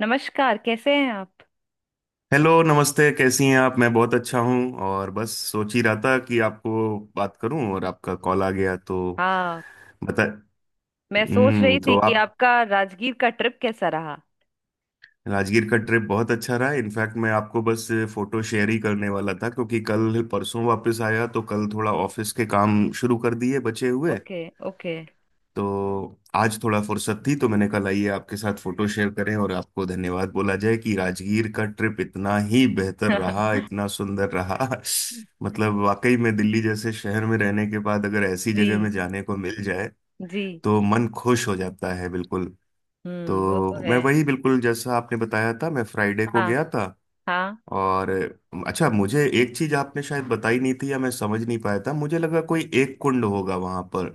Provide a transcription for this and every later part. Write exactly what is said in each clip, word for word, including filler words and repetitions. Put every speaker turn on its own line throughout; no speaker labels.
नमस्कार, कैसे हैं आप।
हेलो, नमस्ते। कैसी हैं आप? मैं बहुत अच्छा हूँ। और बस सोच ही रहा था कि आपको बात करूं और आपका कॉल आ गया, तो
हाँ,
बता।
मैं सोच
हम्म,
रही थी
तो
कि
आप,
आपका राजगीर का ट्रिप कैसा रहा।
राजगीर का ट्रिप बहुत अच्छा रहा। इनफैक्ट मैं आपको बस फोटो शेयर ही करने वाला था क्योंकि कल परसों वापस आया, तो कल थोड़ा ऑफिस के काम शुरू कर दिए बचे हुए।
Okay okay.
तो आज थोड़ा फुर्सत थी तो मैंने कहा लाइए आपके साथ फोटो शेयर करें और आपको धन्यवाद बोला जाए कि राजगीर का ट्रिप इतना ही बेहतर रहा, इतना सुंदर रहा। मतलब वाकई में दिल्ली जैसे शहर में रहने के बाद अगर ऐसी जगह
जी
में जाने को मिल जाए
जी।
तो मन खुश हो जाता है, बिल्कुल।
हम्म, वो तो
तो
है।
मैं वही, बिल्कुल जैसा आपने बताया था, मैं फ्राइडे को
हाँ
गया था।
हाँ।
और अच्छा, मुझे एक चीज आपने शायद बताई नहीं थी या मैं समझ नहीं पाया था। मुझे लगा कोई एक कुंड होगा वहां पर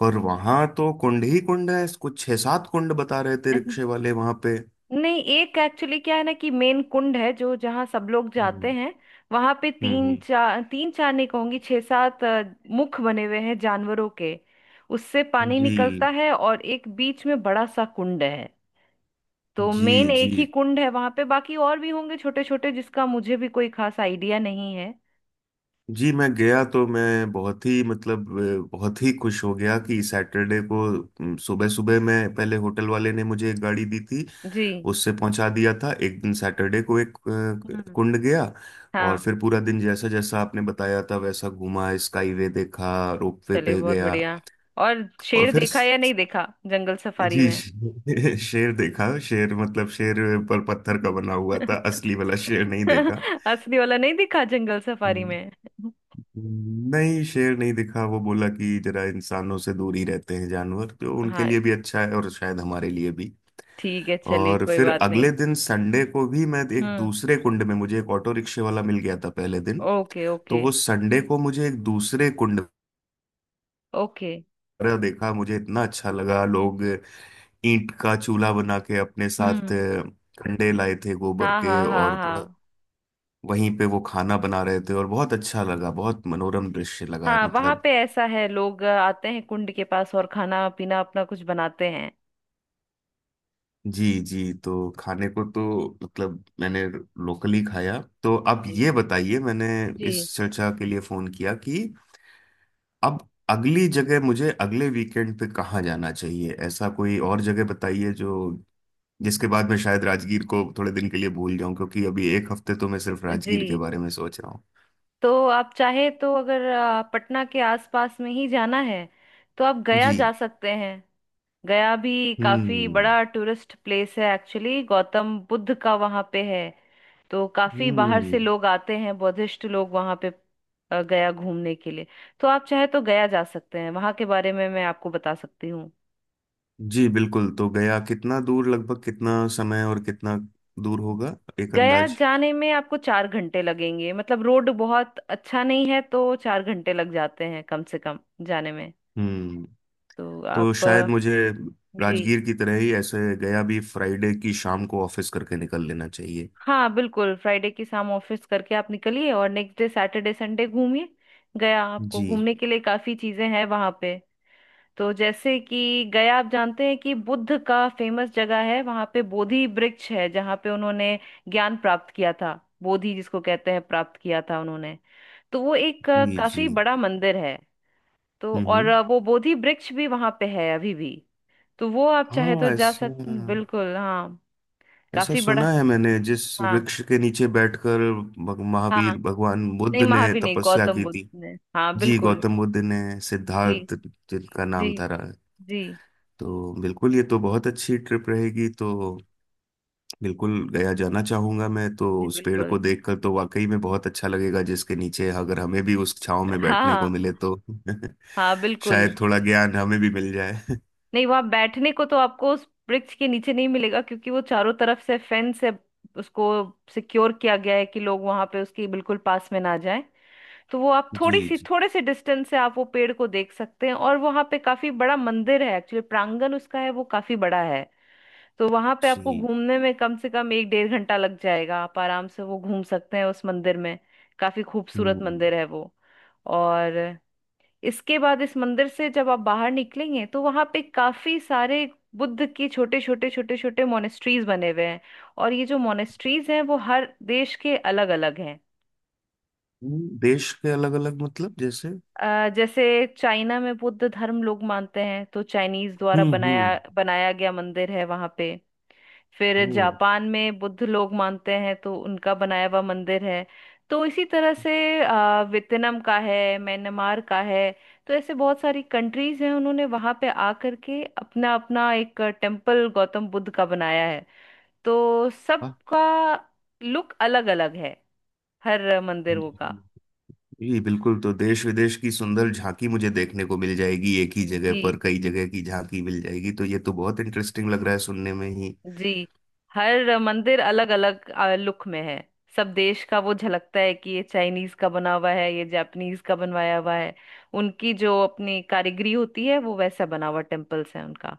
पर वहां तो कुंड ही कुंड है। कुछ छह सात कुंड बता रहे थे रिक्शे वाले वहां पे।
नहीं, एक एक्चुअली क्या है ना कि मेन कुंड है जो जहाँ सब लोग जाते
हम्म।
हैं। वहां पे
हम्म।
तीन
हम्म।
चार, तीन चार नहीं कहूंगी, छह सात अ, मुख बने हुए हैं जानवरों के। उससे पानी
जी।
निकलता है और एक बीच में बड़ा सा कुंड है। तो
जी।
मेन एक ही
जी।
कुंड है वहां पे, बाकी और भी होंगे छोटे छोटे जिसका मुझे भी कोई खास आइडिया नहीं है।
जी मैं गया तो मैं बहुत ही, मतलब, अ, बहुत ही खुश हो गया कि सैटरडे को सुबह सुबह मैं, पहले होटल वाले ने मुझे एक गाड़ी दी थी,
जी।
उससे पहुंचा दिया था एक दिन। सैटरडे को एक अ,
हम्म।
कुंड गया। और
हाँ।
फिर पूरा दिन जैसा जैसा आपने बताया था वैसा घूमा। स्काईवे देखा, रोपवे
चलिए,
पे
बहुत
गया।
बढ़िया। और
और
शेर
फिर
देखा या नहीं
स-
देखा जंगल सफारी
जी
में।
श- शेर देखा। शेर, मतलब शेर, पर पत्थर का बना हुआ था, असली वाला शेर नहीं देखा।
असली वाला नहीं दिखा जंगल सफारी
हम्म,
में।
नहीं, शेर नहीं दिखा। वो बोला कि जरा इंसानों से दूर ही रहते हैं जानवर, जो उनके
हाँ,
लिए भी अच्छा है और शायद हमारे लिए भी।
ठीक है, चलिए
और
कोई
फिर
बात नहीं।
अगले दिन संडे को भी मैं एक
हम्म।
दूसरे कुंड में, मुझे एक ऑटो रिक्शे वाला मिल गया था पहले दिन,
ओके
तो
ओके
वो संडे को मुझे एक दूसरे कुंड
ओके।
पर देखा। मुझे इतना अच्छा लगा, लोग ईंट का चूल्हा बना के अपने साथ
हम्म।
अ, कंडे लाए थे गोबर
हाँ हाँ
के,
हाँ
और वह-
हाँ।
वहीं पे वो खाना बना रहे थे। और बहुत अच्छा लगा, बहुत मनोरम दृश्य लगा,
हाँ, वहां
मतलब।
पे ऐसा है, लोग आते हैं कुंड के पास और खाना पीना अपना कुछ बनाते हैं।
जी जी। तो खाने को तो, मतलब, मैंने लोकली खाया। तो अब
जी
ये बताइए, मैंने इस
जी।
चर्चा के लिए फोन किया कि अब अगली जगह मुझे अगले वीकेंड पे कहाँ जाना चाहिए। ऐसा कोई और जगह बताइए, जो, जिसके बाद मैं शायद राजगीर को थोड़े दिन के लिए भूल जाऊं, क्योंकि अभी एक हफ्ते तो मैं सिर्फ राजगीर के
जी,
बारे में सोच रहा हूँ।
तो आप चाहे तो अगर आ, पटना के आसपास में ही जाना है तो आप गया
जी।
जा सकते हैं। गया भी काफी
हम्म।
बड़ा टूरिस्ट प्लेस है, एक्चुअली गौतम बुद्ध का वहाँ पे है। तो काफी बाहर से
हम्म।
लोग आते हैं, बुद्धिस्ट लोग वहाँ पे आ, गया घूमने के लिए। तो आप चाहे तो गया जा सकते हैं, वहाँ के बारे में मैं आपको बता सकती हूँ।
जी बिल्कुल। तो गया कितना दूर, लगभग कितना समय, और कितना दूर होगा, एक
गया
अंदाज?
जाने में आपको चार घंटे लगेंगे, मतलब रोड बहुत अच्छा नहीं है तो चार घंटे लग जाते हैं कम से कम जाने में।
हम्म।
तो
तो
आप
शायद
अ,
मुझे
जी।
राजगीर की तरह ही ऐसे गया भी फ्राइडे की शाम को ऑफिस करके निकल लेना चाहिए।
हाँ बिल्कुल, फ्राइडे की शाम ऑफिस करके आप निकलिए और नेक्स्ट डे सैटरडे संडे घूमिए। गया आपको
जी।
घूमने के लिए काफी चीजें हैं वहां पे। तो जैसे कि गया, आप जानते हैं कि बुद्ध का फेमस जगह है। वहां पे बोधि वृक्ष है जहाँ पे उन्होंने ज्ञान प्राप्त किया था, बोधि जिसको कहते हैं प्राप्त किया था उन्होंने। तो वो एक अ,
जी। जी।
काफी बड़ा मंदिर है। तो और
हम्म।
अ, वो बोधि वृक्ष भी वहां पे है अभी भी। तो वो आप चाहे तो
हाँ,
जा
ऐसा,
सकते, बिल्कुल। हाँ,
ऐसा
काफी
सुना
बड़ा।
है मैंने, जिस
हाँ
वृक्ष के नीचे बैठकर भग-
हाँ।
महावीर भगवान बुद्ध
नहीं,
ने
महावीर नहीं,
तपस्या
गौतम
की
बुद्ध
थी।
ने, हाँ
जी,
बिल्कुल।
गौतम बुद्ध ने,
जी
सिद्धार्थ जिनका
जी।
नाम था रहा।
जी।
तो बिल्कुल, ये तो बहुत अच्छी ट्रिप रहेगी तो। बिल्कुल, गया जाना चाहूंगा मैं। तो
जी
उस पेड़
बिल्कुल।
को देखकर तो वाकई में बहुत अच्छा लगेगा, जिसके नीचे अगर हमें भी उस छांव में
हाँ
बैठने को
हाँ
मिले तो
हाँ बिल्कुल।
शायद थोड़ा ज्ञान हमें भी मिल जाए।
नहीं, वहां बैठने को तो आपको उस वृक्ष के नीचे नहीं मिलेगा क्योंकि वो चारों तरफ से फेंस से उसको सिक्योर किया गया है कि लोग वहां पे उसके बिल्कुल पास में ना जाएं। तो वो आप थोड़ी
जी।
सी,
जी।
थोड़े से डिस्टेंस से आप वो पेड़ को देख सकते हैं। और वहां पे काफी बड़ा मंदिर है, एक्चुअली प्रांगण उसका है वो काफी बड़ा है। तो वहां पे आपको
जी।
घूमने में कम से कम एक डेढ़ घंटा लग जाएगा, आप आराम से वो घूम सकते हैं उस मंदिर में। काफी खूबसूरत
हम्म।
मंदिर है वो। और इसके बाद इस मंदिर से जब आप बाहर निकलेंगे तो वहां पे काफी सारे बुद्ध के छोटे छोटे छोटे छोटे मोनेस्ट्रीज बने हुए हैं। और ये जो मोनेस्ट्रीज हैं वो हर देश के अलग अलग हैं।
हम्म, देश के अलग अलग, मतलब जैसे?
अ, जैसे चाइना में बुद्ध धर्म लोग मानते हैं तो चाइनीज द्वारा
हम्म।
बनाया
हम्म।
बनाया गया मंदिर है वहां पे। फिर
ओ।
जापान में बुद्ध लोग मानते हैं तो उनका बनाया हुआ मंदिर है। तो इसी तरह से अ, वियतनाम का है, म्यांमार का है। तो ऐसे बहुत सारी कंट्रीज हैं, उन्होंने वहां पे आ करके अपना अपना एक टेम्पल गौतम बुद्ध का बनाया है। तो
वाह।
सबका लुक अलग अलग है हर मंदिरों का।
जी बिल्कुल, तो देश विदेश की सुंदर झांकी मुझे देखने को मिल जाएगी, एक ही जगह
जी
पर कई जगह की झांकी मिल जाएगी, तो ये तो बहुत इंटरेस्टिंग लग रहा है सुनने में ही।
जी। हर मंदिर अलग अलग लुक में है। सब देश का वो झलकता है कि ये चाइनीज का बना हुआ है, ये जापानीज का बनवाया हुआ है। उनकी जो अपनी कारीगरी होती है वो वैसा बना हुआ टेम्पल्स है उनका।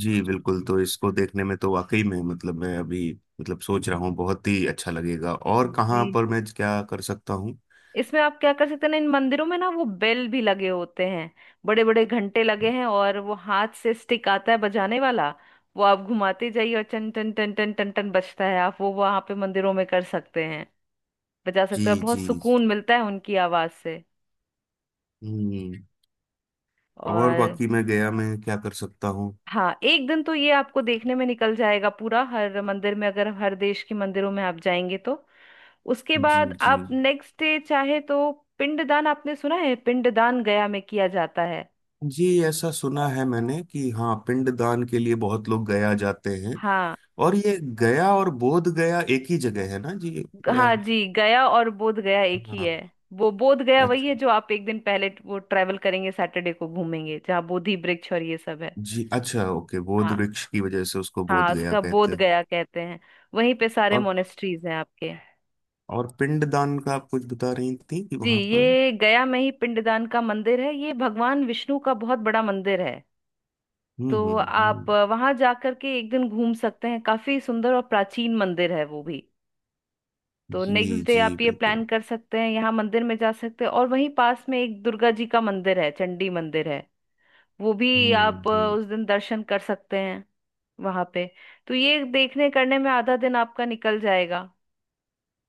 जी बिल्कुल, तो इसको देखने में तो वाकई में, मतलब, मैं अभी, मतलब, सोच रहा हूँ, बहुत ही अच्छा लगेगा। और कहाँ
जी।
पर मैं क्या कर सकता हूँ?
इसमें आप क्या कर सकते हैं ना, इन मंदिरों में ना वो बेल भी लगे होते हैं, बड़े बड़े घंटे लगे हैं। और वो हाथ से स्टिक आता है बजाने वाला, वो आप घुमाते जाइए और टन टन टन टन टन टन बजता है। आप वो वहां पे मंदिरों में कर सकते हैं, बजा
जी।
सकते हैं, और बहुत
जी।
सुकून मिलता है उनकी आवाज से।
हम्म। और
और
बाकी मैं गया मैं क्या कर सकता हूँ?
हाँ, एक दिन तो ये आपको देखने में निकल जाएगा पूरा, हर मंदिर में अगर हर देश के मंदिरों में आप जाएंगे तो। उसके
जी।
बाद
जी।
आप नेक्स्ट डे चाहे तो पिंडदान, आपने सुना है पिंडदान गया में किया जाता है।
जी, ऐसा सुना है मैंने कि हाँ, पिंडदान के लिए बहुत लोग गया जाते हैं।
हाँ।
और ये गया और बोध गया एक ही जगह है ना जी,
ग-
या?
हाँ जी, गया और बोध गया एक ही
हाँ।
है। वो बोध गया वही
अच्छा।
है जो आप एक दिन पहले ट- वो ट्रेवल करेंगे सैटरडे को, घूमेंगे जहाँ बोधि वृक्ष और ये सब है।
जी अच्छा, ओके, बोध
हाँ।
वृक्ष की वजह से उसको बोध
हाँ,
गया
उसका
कहते
बोध
हैं।
गया कहते हैं। वहीं पे सारे
और
मोनेस्ट्रीज हैं आपके।
और पिंडदान का आप कुछ बता रही थी कि
जी,
वहां पर?
ये गया में ही पिंडदान का मंदिर है, ये भगवान विष्णु का बहुत बड़ा मंदिर है।
हम्म।
तो
हम्म।
आप
हम्म।
वहां जाकर के एक दिन घूम सकते हैं, काफी सुंदर और प्राचीन मंदिर है वो भी। तो
जी
नेक्स्ट डे
जी
आप ये
बिल्कुल।
प्लान कर सकते हैं, यहाँ मंदिर में जा सकते हैं, और वहीं पास में एक दुर्गा जी का मंदिर है, चंडी मंदिर है, वो भी
हम्म।
आप अ,
हम्म।
उस दिन दर्शन कर सकते हैं वहां पे। तो ये देखने करने में आधा दिन आपका निकल जाएगा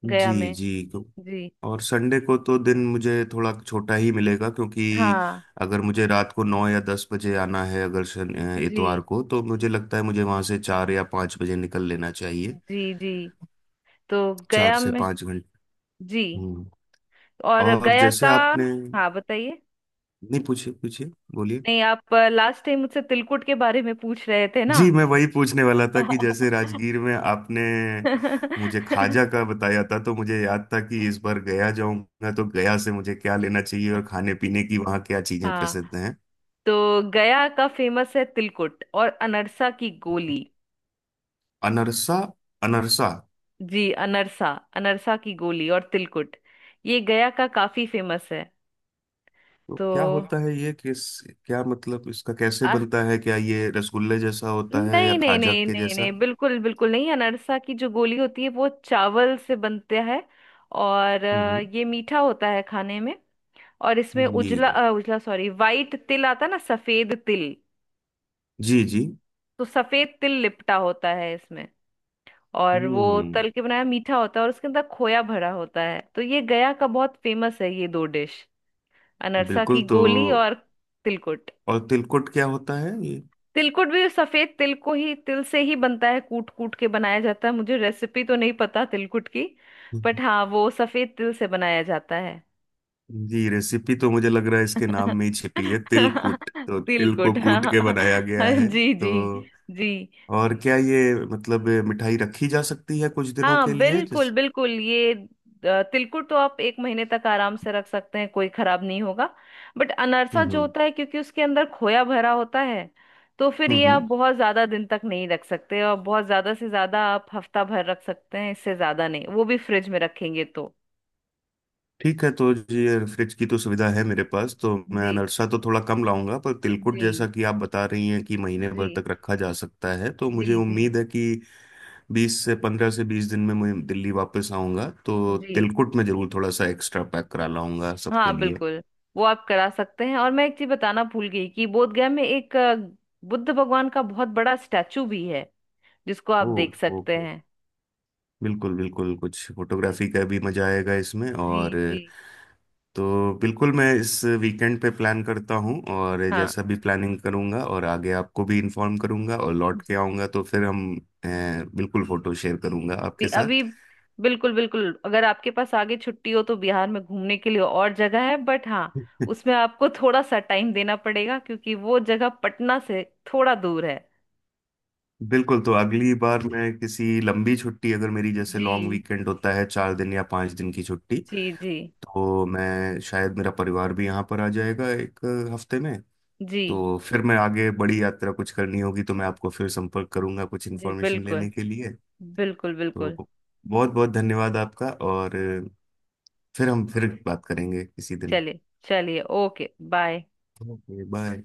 गया
जी
में।
जी, तो,
जी।
और संडे को तो दिन मुझे थोड़ा छोटा ही मिलेगा, क्योंकि
हाँ।
अगर मुझे रात को नौ या दस बजे आना है, अगर शन-
जी
इतवार को तो मुझे लगता है मुझे वहां से चार या पाँच बजे निकल लेना चाहिए।
जी। जी, तो
चार
गया
से
में।
पाँच घंटे।
जी।
हम्म।
और
और
गया
जैसे
का,
आपने, नहीं
हाँ बताइए।
पूछिए पूछिए, बोलिए।
नहीं, आप लास्ट टाइम मुझसे तिलकुट के बारे में पूछ रहे थे ना।
जी, मैं वही पूछने वाला था कि जैसे राजगीर में आपने मुझे खाजा का बताया था, तो मुझे याद था कि इस बार गया जाऊंगा तो गया से मुझे क्या लेना चाहिए और खाने पीने की वहाँ क्या चीजें
हाँ,
प्रसिद्ध हैं।
तो गया का फेमस है तिलकुट और अनरसा की गोली।
अनरसा। अनरसा।
जी, अनरसा, अनरसा की गोली और तिलकुट, ये गया का काफी फेमस है।
तो
तो
क्या होता है ये, किस, क्या मतलब इसका, कैसे
आ,
बनता है, क्या ये रसगुल्ले जैसा होता है या
नहीं नहीं
खाजा
नहीं
के
नहीं नहीं,
जैसा?
बिल्कुल बिल्कुल नहीं। अनरसा की जो गोली होती है वो चावल से बनता है, और अ,
हम्म।
ये मीठा होता है खाने में। और इसमें
जी।
उजला, अ, उजला सॉरी वाइट तिल आता है ना, सफेद तिल।
जी। जी।
तो सफेद तिल लिपटा होता है इसमें। और वो
हम्म।
तल के बनाया मीठा होता है, और उसके अंदर खोया भरा होता है। तो ये गया का बहुत फेमस है, ये दो डिश, अनरसा
बिल्कुल,
की
तो,
गोली और तिलकुट।
और तिलकुट क्या होता है ये?
तिलकुट भी सफेद तिल को ही, तिल से ही बनता है, कूट कूट के बनाया जाता है। मुझे रेसिपी तो नहीं पता तिलकुट की,
हम्म।
बट हाँ वो सफेद तिल से बनाया जाता है।
जी, रेसिपी तो मुझे लग रहा है इसके नाम में ही छिपी है, तिलकुट, तो तिल को
तिलकुट,
कूट के बनाया गया
हाँ
है
जी जी।
तो।
जी।
और क्या ये मतलब मिठाई रखी जा सकती है कुछ दिनों के
हाँ
लिए,
बिल्कुल
जिस,
बिल्कुल। ये अ, तिलकुट तो आप एक महीने तक आराम से रख सकते हैं, कोई खराब नहीं होगा। बट अनरसा जो
हम्म।
होता है, क्योंकि उसके अंदर खोया भरा होता है, तो फिर
हम्म।
ये आप
हम्म।
बहुत ज्यादा दिन तक नहीं रख सकते। और बहुत ज्यादा से ज्यादा आप हफ्ता भर रख सकते हैं, इससे ज्यादा नहीं, वो भी फ्रिज में रखेंगे तो।
ठीक है, तो जी, ये फ्रिज की तो सुविधा है मेरे पास, तो मैं
जी
अनरसा तो थोड़ा कम लाऊंगा, पर तिलकुट
जी
जैसा कि आप बता रही हैं कि महीने भर
जी
तक रखा जा सकता है, तो मुझे
जी जी
उम्मीद है कि बीस से पंद्रह से बीस दिन में मैं दिल्ली वापस आऊंगा, तो
जी।
तिलकुट में जरूर थोड़ा सा एक्स्ट्रा पैक करा लाऊंगा सबके
हाँ
लिए।
बिल्कुल, वो आप करा सकते हैं। और मैं एक चीज बताना भूल गई कि बोधगया में एक अ, बुद्ध भगवान का बहुत बड़ा स्टैचू भी है जिसको आप
ओ।
देख सकते
ओके।
हैं।
बिल्कुल बिल्कुल, कुछ
जी
फोटोग्राफी का भी मजा आएगा इसमें।
जी
और,
जी।
तो बिल्कुल मैं इस वीकेंड पे प्लान करता हूँ, और
हाँ
जैसा भी प्लानिंग करूँगा और आगे आपको भी इन्फॉर्म करूँगा, और लौट के
जी
आऊँगा तो फिर हम, अ, बिल्कुल फोटो शेयर करूँगा
जी।
आपके
अभी
साथ।
बिल्कुल बिल्कुल। अगर आपके पास आगे छुट्टी हो तो बिहार में घूमने के लिए और जगह है, बट हाँ उसमें आपको थोड़ा सा टाइम देना पड़ेगा क्योंकि वो जगह पटना से थोड़ा दूर है।
बिल्कुल, तो अगली बार मैं किसी लंबी छुट्टी, अगर मेरी जैसे लॉन्ग
जी
वीकेंड होता है चार दिन या पाँच दिन की छुट्टी,
जी। जी
तो मैं शायद, मेरा परिवार भी यहाँ पर आ जाएगा एक हफ्ते में,
जी।
तो फिर मैं आगे बड़ी यात्रा कुछ करनी होगी तो मैं आपको फिर संपर्क करूंगा कुछ
जी
इन्फॉर्मेशन
बिल्कुल
लेने के लिए।
बिल्कुल
तो
बिल्कुल।
बहुत बहुत धन्यवाद आपका, और फिर हम फिर बात करेंगे किसी दिन।
चलिए। चलिए, ओके बाय।
Okay, bye.